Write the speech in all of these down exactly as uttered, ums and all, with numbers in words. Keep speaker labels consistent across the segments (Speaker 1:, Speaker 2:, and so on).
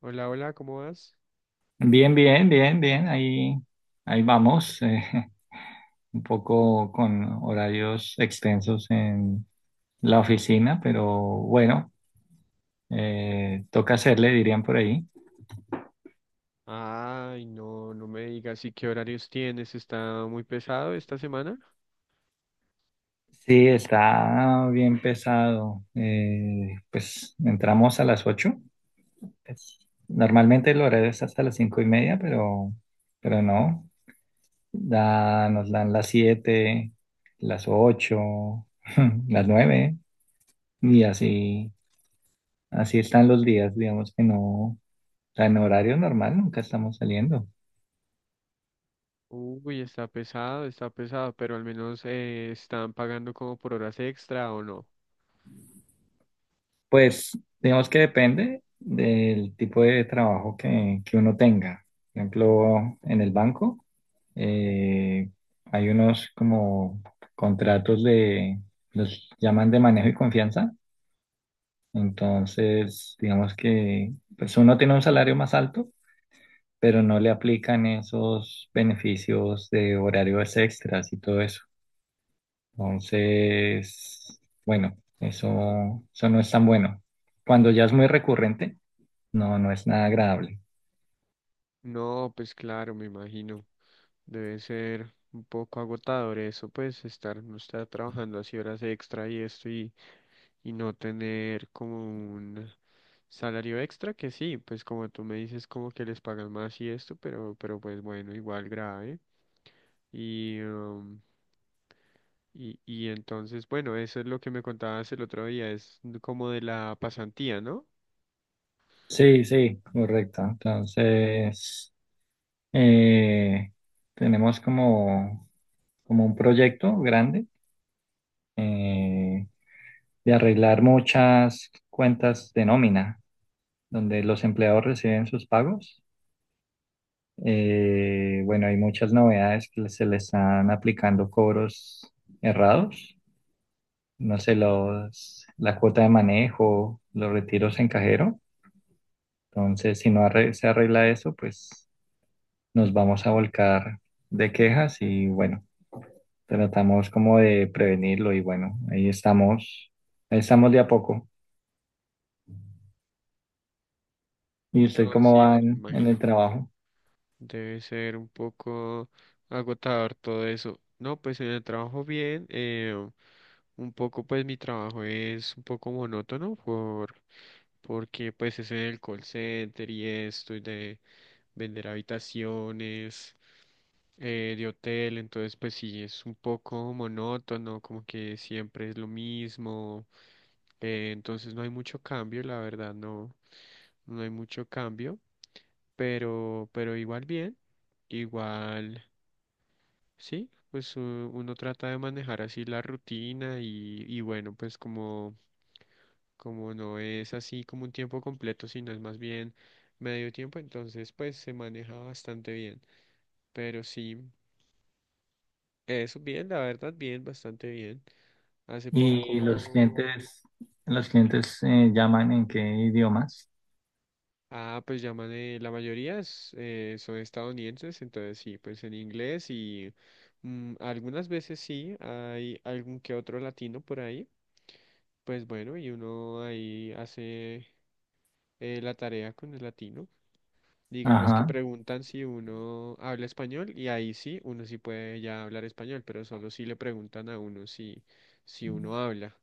Speaker 1: Hola, hola, ¿cómo vas?
Speaker 2: Bien, bien, bien, bien. Ahí, ahí vamos. Eh, un poco con horarios extensos en la oficina, pero bueno, eh, toca hacerle, dirían por ahí.
Speaker 1: Ay, no, no me digas, ¿y qué horarios tienes? ¿Está muy pesado esta semana?
Speaker 2: Sí, está bien pesado. Eh, pues entramos a las ocho. Pues, normalmente el horario es hasta las cinco y media, pero, pero no. Da, nos dan las siete, las ocho, las nueve y así. Así están los días, digamos que no, o sea, en horario normal nunca estamos saliendo.
Speaker 1: Uy, está pesado, está pesado, pero al menos eh, están pagando como por horas extra o no.
Speaker 2: Pues digamos que depende del tipo de trabajo que, que uno tenga. Por ejemplo, en el banco eh, hay unos como contratos de, los llaman de manejo y confianza. Entonces, digamos que pues uno tiene un salario más alto, pero no le aplican esos beneficios de horarios extras y todo eso. Entonces, bueno, eso, eso no es tan bueno. Cuando ya es muy recurrente, no, no es nada agradable.
Speaker 1: No, pues claro, me imagino. Debe ser un poco agotador eso, pues estar, no estar trabajando así horas extra y esto y, y no tener como un salario extra, que sí, pues como tú me dices, como que les pagan más y esto, pero, pero pues bueno, igual grave. Y, um, y, y entonces, bueno, eso es lo que me contabas el otro día, es como de la pasantía, ¿no?
Speaker 2: Sí, sí, correcto. Entonces, eh, tenemos como, como un proyecto grande, eh, de arreglar muchas cuentas de nómina, donde los empleados reciben sus pagos. Eh, bueno, hay muchas novedades que se le están aplicando cobros errados. No sé, los, la cuota de manejo, los retiros en cajero. Entonces, si no arre- se arregla eso, pues nos vamos a volcar de quejas y bueno, tratamos como de prevenirlo y bueno, ahí estamos, ahí estamos de a poco. ¿Y usted
Speaker 1: No,
Speaker 2: cómo
Speaker 1: sí,
Speaker 2: va
Speaker 1: pues me
Speaker 2: en, en el
Speaker 1: imagino.
Speaker 2: trabajo?
Speaker 1: Debe ser un poco agotador todo eso. No, pues en el trabajo bien, eh, un poco pues mi trabajo es un poco monótono por, porque pues es en el call center y esto y de vender habitaciones. Eh, de hotel, entonces pues sí, es un poco monótono, como que siempre es lo mismo, eh, entonces no hay mucho cambio, la verdad, no, no hay mucho cambio, pero, pero igual bien, igual, sí, pues u- uno trata de manejar así la rutina y, y bueno, pues como, como no es así como un tiempo completo, sino es más bien medio tiempo, entonces pues se maneja bastante bien, pero sí. Eso bien, la verdad, bien, bastante bien. Hace
Speaker 2: ¿Y los
Speaker 1: poco,
Speaker 2: clientes, los clientes eh, llaman en qué idiomas?
Speaker 1: ah, pues llaman, eh, la mayoría es, eh, son estadounidenses, entonces sí, pues en inglés y mm, algunas veces sí, hay algún que otro latino por ahí, pues bueno, y uno ahí hace eh, la tarea con el latino. Digamos que
Speaker 2: Ajá,
Speaker 1: preguntan si uno habla español y ahí sí, uno sí puede ya hablar español, pero solo si le preguntan a uno si, si uno habla.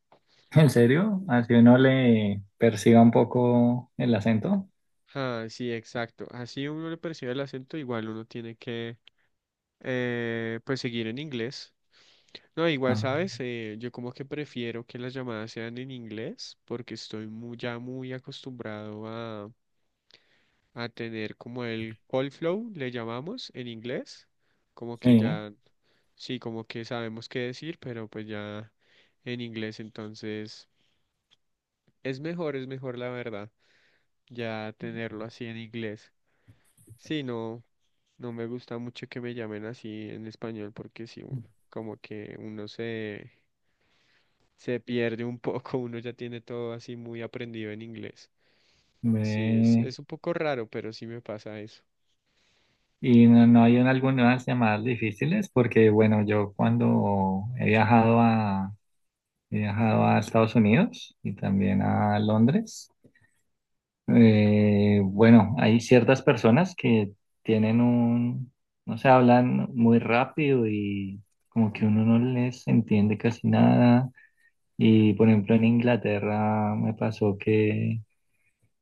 Speaker 2: ¿en serio? Así uno
Speaker 1: Sí.
Speaker 2: le perciba un poco el acento.
Speaker 1: Ah, sí, exacto. Así uno le percibe el acento, igual uno tiene que eh, pues seguir en inglés. No, igual,
Speaker 2: Ah,
Speaker 1: ¿sabes? Eh, yo como que prefiero que las llamadas sean en inglés porque estoy muy, ya muy acostumbrado a, a tener como el call flow, le llamamos en inglés. Como que
Speaker 2: sí.
Speaker 1: ya, sí, como que sabemos qué decir, pero pues ya en inglés, entonces es mejor, es mejor la verdad, ya tenerlo así en inglés. Sí, no. No me gusta mucho que me llamen así en español porque sí, u- como que uno se, se pierde un poco, uno ya tiene todo así muy aprendido en inglés. Sí, es,
Speaker 2: Ve.
Speaker 1: es un poco raro, pero sí me pasa eso.
Speaker 2: Y no, no hay un- algunas llamadas difíciles porque, bueno, yo cuando he viajado a, he viajado a Estados Unidos y también a Londres, eh, bueno, hay ciertas personas que tienen un, no sé, hablan muy rápido y como que uno no les entiende casi nada. Y, por ejemplo, en Inglaterra me pasó que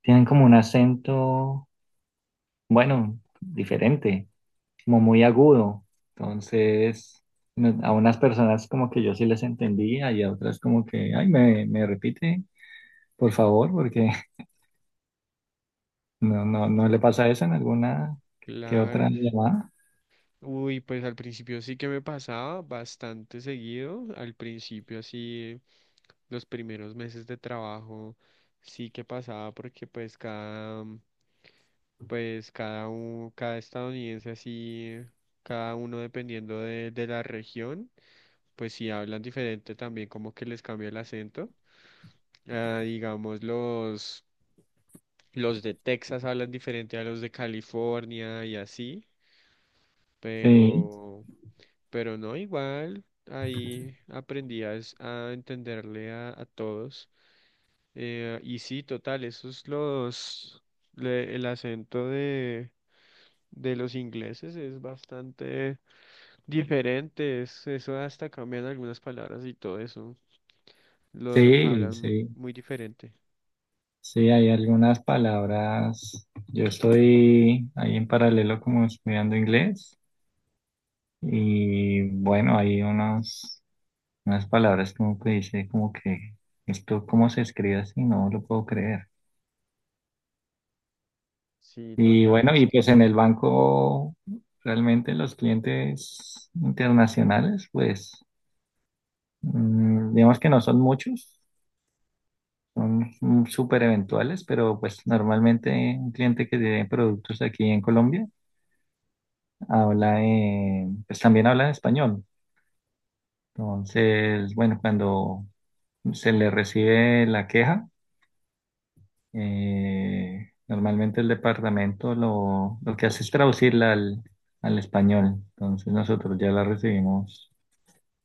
Speaker 2: tienen como un acento, bueno, diferente. Como muy agudo. Entonces, me- a unas personas como que yo sí les entendía y a otras como que, ay, me, me repite, por favor, porque no, no,
Speaker 1: Sí.
Speaker 2: no le pasa eso en alguna que
Speaker 1: Claro.
Speaker 2: otra llamada.
Speaker 1: Uy, pues al principio sí que me pasaba bastante seguido. Al principio así, los primeros meses de trabajo sí que pasaba porque pues cada... Pues cada uno, cada estadounidense así, cada uno dependiendo de, de la región, pues si hablan diferente también como que les cambia el acento. Ah, digamos los, los de Texas hablan diferente a los de California y así,
Speaker 2: Sí,
Speaker 1: pero, pero no igual, ahí aprendí a, es- a entenderle a, a todos. Eh, y sí, total, esos los, le- el acento de de los ingleses es bastante diferentes, eso hasta cambian algunas palabras y todo eso. Lo
Speaker 2: sí,
Speaker 1: hablan
Speaker 2: sí,
Speaker 1: muy diferente.
Speaker 2: sí, hay algunas palabras. Yo estoy ahí en paralelo como estudiando inglés y bueno, hay unos, unas palabras como que dice como que esto cómo se escribe así, no lo puedo creer.
Speaker 1: Sí,
Speaker 2: Y
Speaker 1: total,
Speaker 2: bueno,
Speaker 1: es
Speaker 2: y
Speaker 1: que
Speaker 2: pues en el banco realmente los clientes internacionales, pues mm, digamos que no son muchos, son mm, súper eventuales, pero pues normalmente un cliente que tiene productos aquí en Colombia habla, en- pues también habla en español. Entonces, bueno, cuando se le recibe la queja, eh, normalmente el departamento lo, lo que hace es traducirla al al español. Entonces nosotros ya la recibimos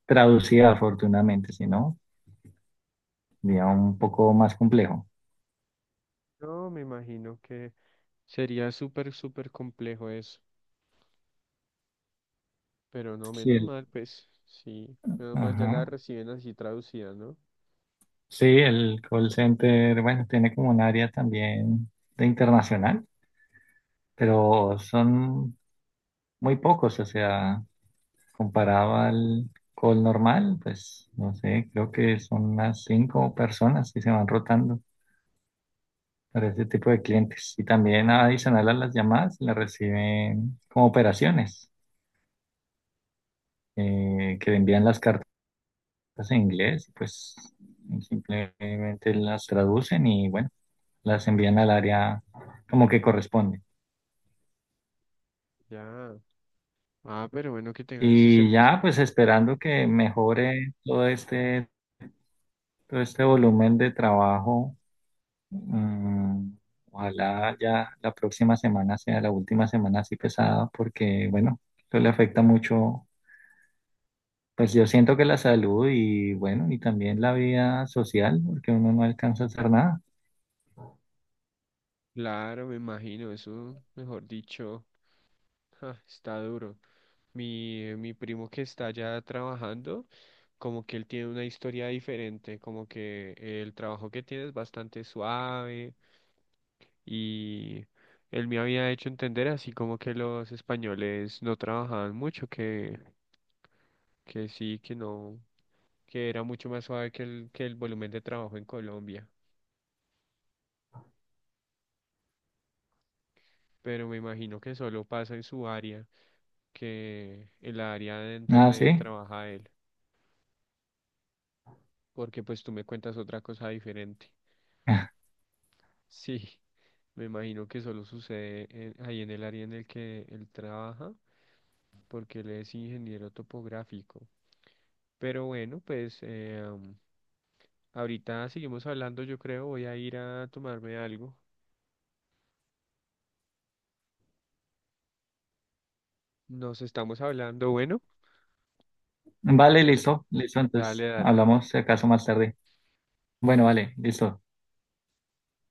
Speaker 2: traducida afortunadamente, si no, sería un poco más complejo.
Speaker 1: no me imagino que sería súper, súper complejo eso. Pero no,
Speaker 2: Sí,
Speaker 1: menos
Speaker 2: el,
Speaker 1: mal, pues sí, menos mal ya la
Speaker 2: ajá.
Speaker 1: reciben así traducida, ¿no?
Speaker 2: Sí, el call center, bueno, tiene como un área también de internacional, pero son muy pocos, o sea, comparado al call normal, pues no sé, creo que son unas cinco personas que se van rotando para ese tipo de clientes. Y también adicional a las llamadas, las reciben como operaciones, eh, que envían las cartas. Pues, en inglés, pues simplemente las traducen y bueno, las envían al área como que corresponde.
Speaker 1: Ya. Ah, pero bueno que tengan ese
Speaker 2: Y
Speaker 1: servicio.
Speaker 2: ya,
Speaker 1: Ahí.
Speaker 2: pues esperando que mejore todo este, todo este volumen de trabajo. Mm, ojalá ya la próxima semana sea la última semana así pesada, porque bueno, eso le afecta mucho. Pues yo siento que la salud y bueno, y también la vida social, porque uno no alcanza a hacer nada.
Speaker 1: Claro, me imagino, eso, mejor dicho, ja, está duro. Mi, mi primo que está ya trabajando, como que él tiene una historia diferente, como que el trabajo que tiene es bastante suave y él me había hecho entender así como que los españoles no trabajaban mucho, que, que sí, que no, que era mucho más suave que el, que el volumen de trabajo en Colombia, pero me imagino que solo pasa en su área, que el área en
Speaker 2: Nada,
Speaker 1: donde
Speaker 2: sí.
Speaker 1: trabaja él, porque pues tú me cuentas otra cosa diferente. Sí, me imagino que solo sucede en- ahí en el área en el que él trabaja, porque él es ingeniero topográfico. Pero bueno, pues eh, am, ahorita seguimos hablando, yo creo, voy a ir a tomarme algo. Nos estamos hablando, bueno,
Speaker 2: Vale, listo, listo. Entonces
Speaker 1: dale, dale.
Speaker 2: hablamos si acaso más tarde. Bueno, vale, listo.